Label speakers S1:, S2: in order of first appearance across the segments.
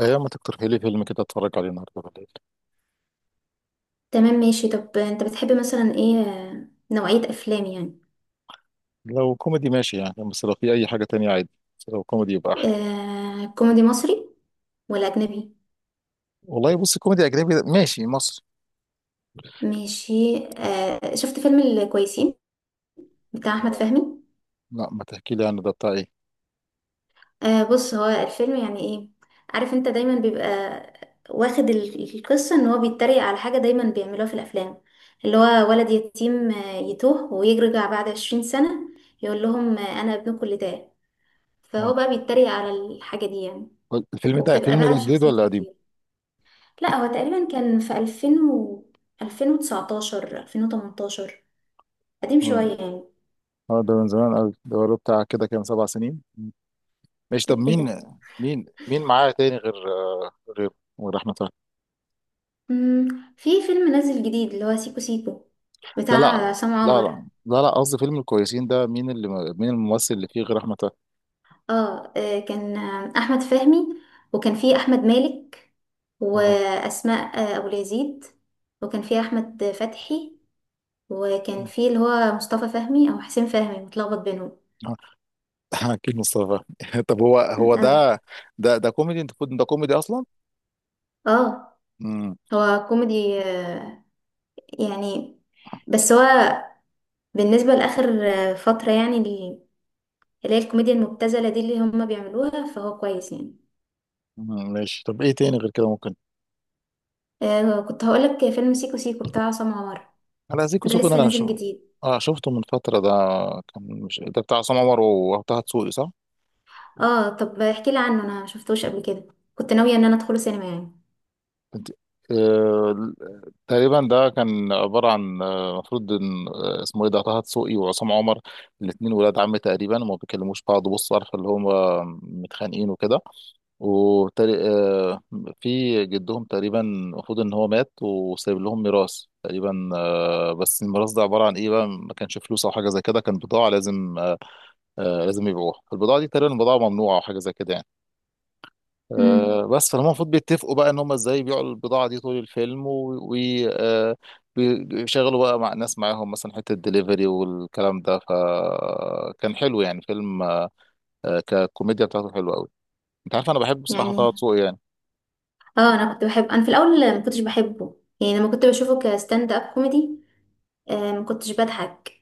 S1: ايام ما تقترحي لي فيلم كده اتفرج عليه النهارده بالليل.
S2: تمام، ماشي. طب انت بتحب مثلا ايه، نوعية افلام يعني؟
S1: لو كوميدي ماشي يعني، بس لو في اي حاجه تانية عادي. بس لو كوميدي يبقى احلى.
S2: كوميدي مصري ولا اجنبي؟
S1: والله بص، كوميدي اجنبي ماشي مصر.
S2: ماشي. شفت فيلم الكويسين بتاع احمد فهمي؟
S1: لا ما تحكي لي عنه، ده بتاع ايه؟
S2: بص، هو الفيلم يعني ايه، عارف انت دايما بيبقى واخد القصة ان هو بيتريق على حاجة دايما بيعملوها في الافلام، اللي هو ولد يتيم يتوه ويرجع بعد 20 سنة، يقول لهم انا ابنكم اللي تاه. فهو
S1: اه.
S2: بقى بيتريق على الحاجة دي يعني.
S1: الفيلم ده
S2: وبتبقى
S1: الفيلم ده
S2: بقى
S1: جديد
S2: شخصيات
S1: ولا قديم؟
S2: كتير. لا، هو تقريبا كان في 2000 و 2019، 2018، قديم
S1: اه.
S2: شوية يعني.
S1: ده من زمان قوي، ده بقاله بتاع كده كام 7 سنين. مم. ماشي طب
S2: ايه إيه ده؟
S1: مين؟ مين معاه تاني غير آه، غير غير احمد فهمي؟
S2: مم. في فيلم نازل جديد اللي هو سيكو سيكو بتاع
S1: لا لا
S2: عصام
S1: لا
S2: عمر.
S1: لا لا لا، قصدي فيلم الكويسين ده مين اللي، مين الممثل اللي فيه غير احمد فهمي؟
S2: اه كان احمد فهمي، وكان فيه احمد مالك، واسماء ابو اليزيد، وكان فيه احمد فتحي، وكان فيه اللي هو مصطفى فهمي او حسين فهمي متلخبط بينهم.
S1: اه اكيد مصطفى طب هو هو
S2: اه.
S1: ده ده ده كوميدي، انت كنت ده كوميدي اصلا؟
S2: اه،
S1: امم
S2: هو كوميدي يعني، بس هو بالنسبة لآخر فترة يعني اللي هي الكوميديا المبتذلة دي اللي هما بيعملوها، فهو كويس يعني.
S1: ماشي، طب ايه تاني غير كده ممكن؟
S2: آه، كنت هقولك فيلم سيكو سيكو بتاع عصام عمر،
S1: انا زيكو
S2: ده
S1: سيكو ده
S2: لسه
S1: انا
S2: نازل جديد.
S1: اه شفته من فتره ده. كان مش ده بتاع عصام عمر وطه دسوقي صح؟
S2: اه، طب احكي لي عنه، انا مشفتوش قبل كده، كنت ناوية ان انا ادخله سينما يعني.
S1: انت. آه... تقريبا ده كان عباره عن، المفروض ان، اسمه ايه ده، طه دسوقي وعصام عمر الاثنين ولاد عم تقريبا، وما بيكلموش بعض، بص عارف اللي هم متخانقين وكده. وتري... آه، في جدهم تقريبا، المفروض ان هو مات وسايب لهم ميراث تقريبا، بس الميراث ده عباره عن ايه بقى، ما كانش فلوس او حاجه زي كده، كان بضاعه لازم، لازم يبيعوها. البضاعه دي تقريبا بضاعه ممنوعه او حاجه زي كده يعني.
S2: امم،
S1: بس فهم، المفروض بيتفقوا بقى ان هم ازاي يبيعوا البضاعه دي طول الفيلم، ويشغلوا بقى مع ناس معاهم مثلا، حته الدليفري والكلام ده. فكان حلو يعني فيلم، ككوميديا بتاعته حلوه قوي. انت عارف انا بحب بصراحه طه
S2: يعني
S1: دسوقي يعني.
S2: اه، انا كنت بحب، انا في الاول ما كنتش بحبه يعني، لما كنت بشوفه كستاند اب كوميدي آه ما كنتش بضحك.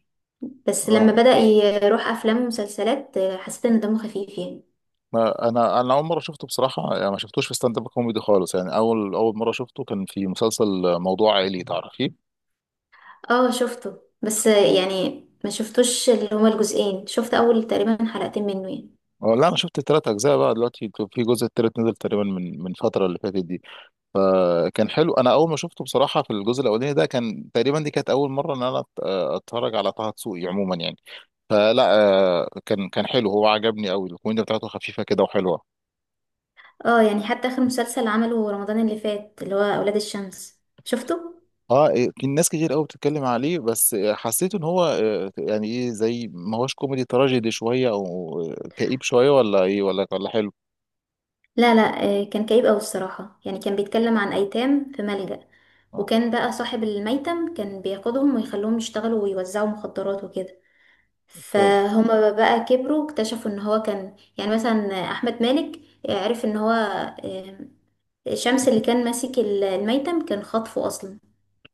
S2: بس لما
S1: اه
S2: بدأ يروح افلام ومسلسلات حسيت ان دمه خفيف يعني.
S1: ما انا اول مره شفته بصراحه، يعني ما شفتوش في ستاند اب كوميدي خالص، يعني اول مره شفته كان في مسلسل موضوع عائلي تعرفيه.
S2: اه، شفته بس يعني ما شفتوش اللي هما الجزئين، شفت اول تقريبا حلقتين منه يعني.
S1: لا انا شفت الثلاث اجزاء بقى، دلوقتي في جزء التالت نزل تقريبا من فتره اللي فاتت دي. فكان حلو. انا اول ما شفته بصراحه في الجزء الاولاني ده، كان تقريبا دي كانت اول مره ان انا اتفرج على طه دسوقي عموما يعني. فلا، كان حلو، هو عجبني قوي الكوميديا بتاعته خفيفه كده وحلوه.
S2: اه يعني، حتى اخر مسلسل عمله رمضان اللي فات اللي هو اولاد الشمس، شفته؟
S1: اه إيه، في ناس كتير قوي بتتكلم عليه، بس حسيت ان هو، يعني ايه، زي ما هوش كوميدي، تراجيدي شويه او كئيب شويه، ولا ايه، ولا حلو؟
S2: لا لا، كان كئيب اوي الصراحة يعني، كان بيتكلم عن ايتام في ملجأ،
S1: اه.
S2: وكان بقى صاحب الميتم كان بياخدهم ويخلوهم يشتغلوا ويوزعوا مخدرات وكده.
S1: ف-
S2: فهما بقى كبروا اكتشفوا ان هو كان، يعني مثلا احمد مالك عرف ان هو آه، شمس اللي كان ماسك الميتم كان خاطفه اصلا.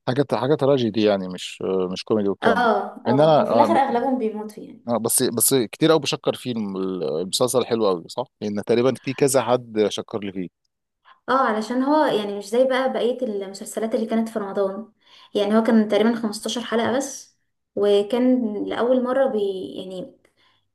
S1: حاجه تراجيدي يعني، مش مش كوميدي والكلام ده.
S2: اه
S1: ان
S2: اه،
S1: انا
S2: وفي الاخر اغلبهم بيموتوا يعني.
S1: بس كتير قوي بشكر فيه المسلسل، حلو قوي صح؟ لان تقريبا في كذا حد شكر لي فيه.
S2: اه، علشان هو يعني مش زي بقى بقية المسلسلات اللي كانت في رمضان، يعني هو كان تقريبا 15 حلقة بس، وكان لأول مرة بي يعني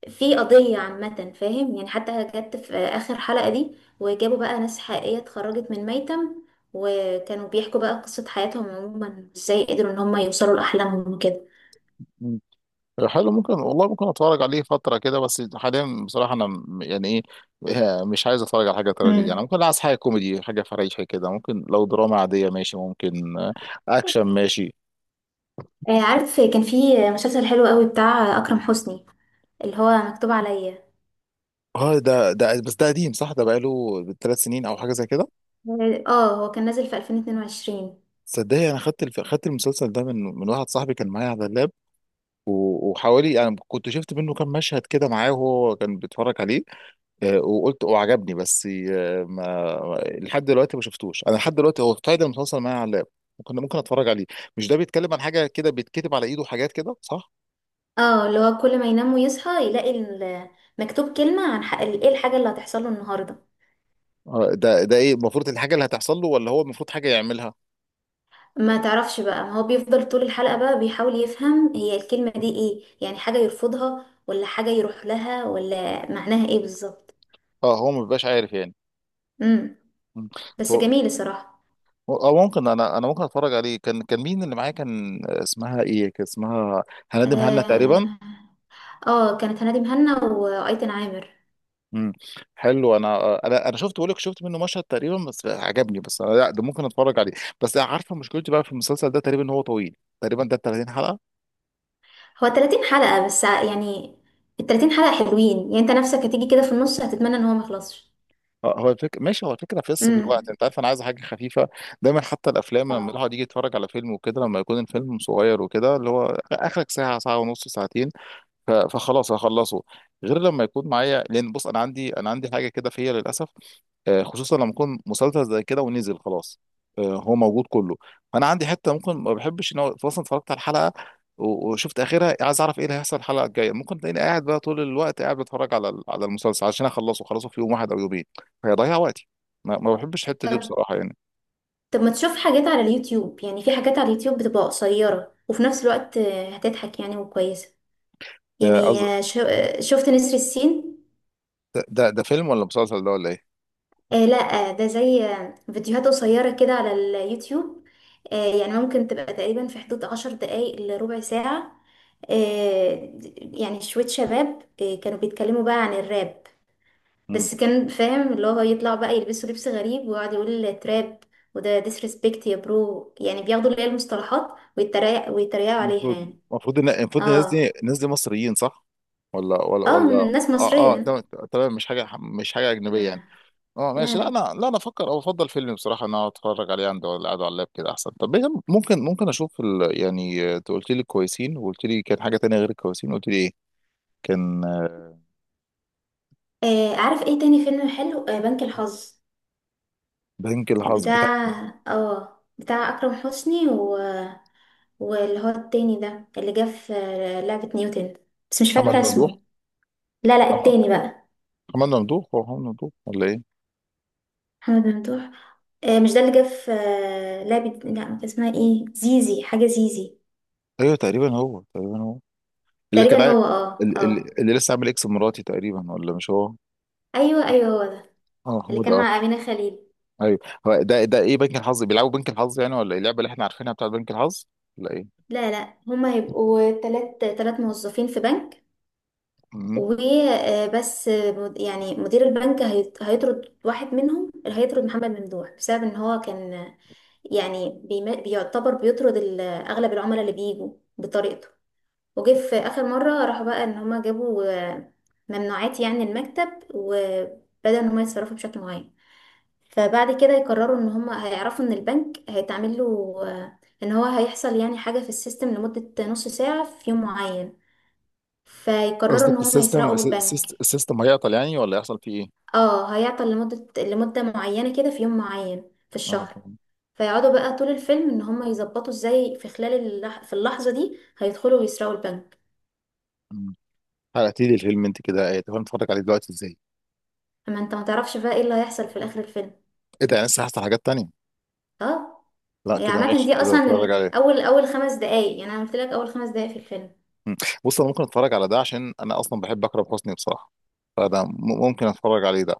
S2: في قضية عامة، فاهم يعني؟ حتى جت في آخر حلقة دي، وجابوا بقى ناس حقيقية اتخرجت من ميتم، وكانوا بيحكوا بقى قصة حياتهم عموما ازاي قدروا ان هم يوصلوا لأحلامهم وكده.
S1: حلو، ممكن والله، ممكن اتفرج عليه فترة كده، بس حاليا بصراحة انا يعني ايه مش عايز اتفرج على حاجة تراجيدي يعني،
S2: امم.
S1: ممكن عايز حاجة كوميدي، حاجة فريحة كده، ممكن لو دراما عادية ماشي ممكن، اكشن ماشي.
S2: آه، عارف كان في مسلسل حلو قوي بتاع أكرم حسني اللي هو مكتوب عليا؟
S1: اه ده بس ده قديم صح، ده بقاله 3 سنين او حاجة زي كده.
S2: اه، هو كان نازل في 2022.
S1: صدقني انا خدت المسلسل ده من واحد صاحبي، كان معايا على اللاب. وحوالي يعني كنت شفت منه كام مشهد كده معاه وهو كان بيتفرج عليه. وقلت وعجبني، بس ما لحد دلوقتي ما شفتوش، انا لحد دلوقتي هو تايدن متواصل معايا على اللاب. ممكن اتفرج عليه. مش ده بيتكلم عن حاجه كده بيتكتب على ايده حاجات كده صح؟
S2: اه، اللي هو كل ما ينام ويصحى يلاقي مكتوب كلمة عن حق ايه الحاجة اللي هتحصل له النهاردة.
S1: ده ايه المفروض، الحاجه اللي هتحصل له ولا هو المفروض حاجه يعملها؟
S2: ما تعرفش بقى، ما هو بيفضل طول الحلقة بقى بيحاول يفهم هي الكلمة دي ايه، يعني حاجة يرفضها ولا حاجة يروح لها، ولا معناها ايه بالظبط.
S1: اه هو ما بيبقاش عارف يعني.
S2: امم.
S1: مم.
S2: بس
S1: هو
S2: جميل الصراحة.
S1: اه ممكن، انا ممكن اتفرج عليه. كان مين اللي معايا، كان اسمها ايه، كان اسمها هندم، هنا تقريبا.
S2: اه، كانت هنادي مهنا وايتن عامر.
S1: مم. حلو، انا انا شفت، بقول لك شفت منه مشهد تقريبا بس عجبني، بس انا لا ده ممكن اتفرج عليه. بس عارفه مشكلتي بقى في المسلسل ده تقريبا، إن هو طويل، تقريبا ده 30 حلقه.
S2: هو 30 حلقة بس، يعني ال 30 حلقة حلوين، يعني انت نفسك هتيجي كده في النص هتتمنى ان هو ما يخلصش.
S1: هو الفكره ماشي، هو الفكره فيس في الوقت،
S2: امم.
S1: انت عارف انا عايز حاجه خفيفه. دايما حتى الافلام لما الواحد
S2: اه
S1: يجي يتفرج على فيلم وكده، لما يكون الفيلم صغير وكده، اللي هو اخرك ساعه، ساعه ونص، ساعتين، فخلاص هخلصه. غير لما يكون معايا، لان بص انا عندي، انا عندي حاجه كده فيا للاسف، خصوصا لما يكون مسلسل زي كده، ونزل خلاص هو موجود كله. فانا عندي حته ممكن ما بحبش، ان هو مثلا اتفرجت على الحلقه وشفت اخرها، عايز اعرف ايه اللي هيحصل الحلقه الجايه. ممكن تلاقيني قاعد بقى طول الوقت قاعد بتفرج على على المسلسل عشان اخلصه، خلصه في يوم واحد او يومين فيضيع وقتي. ما بحبش الحته دي
S2: طب،
S1: بصراحه يعني.
S2: طب ما تشوف حاجات على اليوتيوب؟ يعني في حاجات على اليوتيوب بتبقى قصيرة وفي نفس الوقت هتضحك يعني وكويسة.
S1: آه،
S2: يعني
S1: قصد-
S2: شفت نسر السين؟
S1: ده ده فيلم ولا مسلسل ده ولا ايه؟
S2: آه لا، آه، ده زي فيديوهات قصيرة كده على اليوتيوب، آه، يعني ممكن تبقى تقريبا في حدود 10 دقايق لربع ساعة. آه يعني شوية شباب آه كانوا بيتكلموا بقى عن الراب،
S1: مم.
S2: بس كان فاهم اللي هو يطلع بقى يلبسوا لبس غريب ويقعد يقول تراب، وده disrespect يا برو، يعني بياخدوا اللي هي المصطلحات ويتريق ويتريقوا عليها
S1: المفروض،
S2: يعني.
S1: المفروض ان، المفروض الناس
S2: اه
S1: دي، الناس دي مصريين صح، ولا
S2: اه، ناس
S1: اه اه
S2: مصرية.
S1: تمام. تمام، مش حاجه، مش حاجه اجنبيه يعني.
S2: آه.
S1: اه
S2: لا
S1: ماشي، لا
S2: لا،
S1: انا، لا انا افكر او افضل فيلم بصراحه ان انا اتفرج عليه، عند ولا قاعد على اللاب كده احسن. طب إيه، ممكن اشوف يعني انت قلت لي الكويسين، وقلت لي كان حاجه تانية غير الكويسين، قلت لي ايه؟ كان
S2: آه عارف ايه تاني فيلم حلو؟ آه، بنك الحظ
S1: بنك الحظ بتاع
S2: بتاع، اه بتاع أكرم حسني، و... واللي هو التاني ده اللي جه في لعبة نيوتن، بس مش
S1: محمد
S2: فاكرة
S1: ممدوح.
S2: اسمه. لا لا،
S1: محمد،
S2: التاني بقى.
S1: محمد ممدوح، هو محمد ممدوح ولا ايه؟
S2: محمد ممدوح، مش ده اللي جه في لعبة؟ لا، ما كان اسمها ايه، زيزي، حاجة زيزي.
S1: ايوه تقريبا هو، تقريبا هو اللي كان
S2: تقريبا
S1: عا-
S2: هو، اه
S1: ال-
S2: اه.
S1: ال- اللي لسه عامل اكس مراتي تقريبا، ولا مش هو؟
S2: ايوه ايوه، هو ده.
S1: اه
S2: اللي
S1: هو ده
S2: كان
S1: آه.
S2: مع أمينة خليل.
S1: ايوه هو ده. ده ايه، بنك الحظ، بيلعبوا بنك الحظ يعني ولا إيه؟ اللعبه اللي احنا عارفينها بتاعت بنك الحظ ولا
S2: لا لا، هما هيبقوا تلات تلات موظفين في بنك
S1: ايه؟
S2: وبس. يعني مدير البنك هيطرد واحد منهم، اللي هيطرد محمد ممدوح بسبب ان هو كان يعني بيعتبر بيطرد اغلب العملاء اللي بيجوا بطريقته. وجه في اخر مره راحوا بقى ان هما جابوا آه، ممنوعات يعني المكتب، وبدأ ان هما يتصرفوا بشكل معين. فبعد كده يقرروا ان هما هيعرفوا ان البنك هيتعمل له ان هو هيحصل يعني حاجه في السيستم لمده نص ساعه في يوم معين، فيقرروا ان
S1: قصدك
S2: هما
S1: السيستم،
S2: يسرقوا البنك.
S1: السيستم هيعطل يعني، ولا يحصل فيه ايه؟
S2: اه، هيعطل لمده معينه كده في يوم معين في
S1: اه
S2: الشهر.
S1: طبعا.
S2: فيقعدوا بقى طول الفيلم ان هما يظبطوا ازاي في خلال في اللحظه دي هيدخلوا ويسرقوا البنك.
S1: مم. حرقتي لي الفيلم انت كده، ايه، طب انا اتفرج عليه دلوقتي ازاي؟
S2: اما انت ما تعرفش بقى ايه اللي هيحصل في الاخر الفيلم.
S1: ايه ده يعني لسه هحصل حاجات تانية؟
S2: اه،
S1: لا
S2: هي
S1: كده
S2: عامة
S1: ماشي،
S2: دي
S1: كده اتفرج
S2: أصلا
S1: عليه.
S2: أول 5 دقايق، يعني أنا قلت لك أول 5 دقايق في الفيلم.
S1: مم. بص انا ممكن اتفرج على ده عشان انا اصلا بحب اكرم حسني بصراحة، فده ممكن اتفرج عليه ده.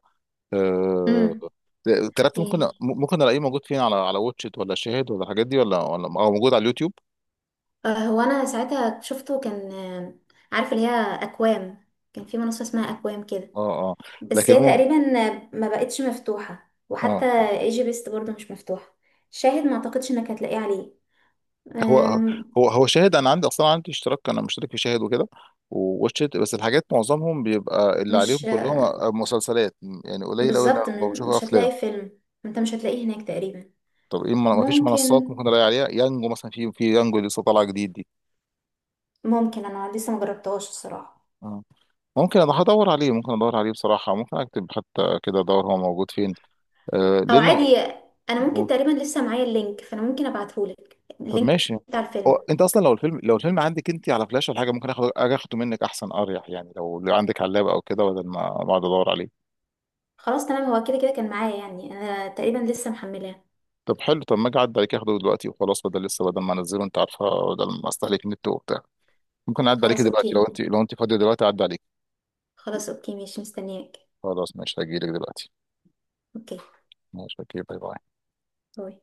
S1: آه،
S2: امم.
S1: التلاتة، ممكن
S2: إيه.
S1: ممكن الاقيه موجود فين، على على واتشت ولا شاهد ولا الحاجات دي، ولا او موجود على اليوتيوب؟
S2: آه، هو أنا ساعتها شفته كان عارف اللي هي أكوام، كان في منصة اسمها أكوام كده.
S1: اه. اه
S2: بس
S1: لكن
S2: هي
S1: هو-
S2: تقريبا ما بقتش مفتوحة،
S1: اه
S2: وحتى ايجي بيست برضه مش مفتوحة. شاهد ما أعتقدش إنك هتلاقيه عليه.
S1: هو،
S2: آم،
S1: هو شاهد انا عندي، اصلا عندي اشتراك، انا مشترك في شاهد وكده، وواتشت، بس الحاجات معظمهم بيبقى اللي عليهم
S2: مش
S1: كلهم مسلسلات. يعني قليل قوي انا
S2: بالظبط،
S1: ما بشوف
S2: مش
S1: افلام.
S2: هتلاقي فيلم، أنت مش هتلاقيه هناك تقريبا.
S1: طب ايه، ما فيش منصات
S2: ممكن
S1: ممكن الاقي عليها، يانجو مثلا، في في يانجو اللي لسه طالعه جديد دي؟
S2: ممكن. أنا لسه مجربتهاش الصراحة.
S1: آه. ممكن، انا هدور عليه، ممكن ادور عليه بصراحه، ممكن اكتب حتى كده ادور هو موجود فين. آه
S2: او
S1: لانه،
S2: عادي، انا ممكن تقريبا لسه معايا اللينك، فانا ممكن ابعتهولك
S1: طب
S2: اللينك
S1: ماشي.
S2: بتاع
S1: هو
S2: الفيلم.
S1: انت اصلا لو الفيلم، لو الفيلم عندك انت على فلاش ولا حاجه، ممكن اخد، اجي اخده منك احسن، اريح يعني، لو لو عندك علاب او كده، بدل ما اقعد ادور عليه.
S2: خلاص تمام، هو كده كده كان معايا يعني، انا تقريبا لسه محملاه.
S1: طب حلو، طب ما اجي اعدي عليك اخده دلوقتي وخلاص، بدل لسه، بدل ما انزله، انت عارفه، بدل ما استهلك نت وبتاع. ممكن اعدي عليك
S2: خلاص
S1: دلوقتي لو
S2: اوكي.
S1: انت، لو انت فاضيه دلوقتي اعدي عليك.
S2: خلاص اوكي ماشي، مستنياك.
S1: خلاص ماشي، هجيلك دلوقتي.
S2: اوكي
S1: ماشي اوكي، باي باي.
S2: باي.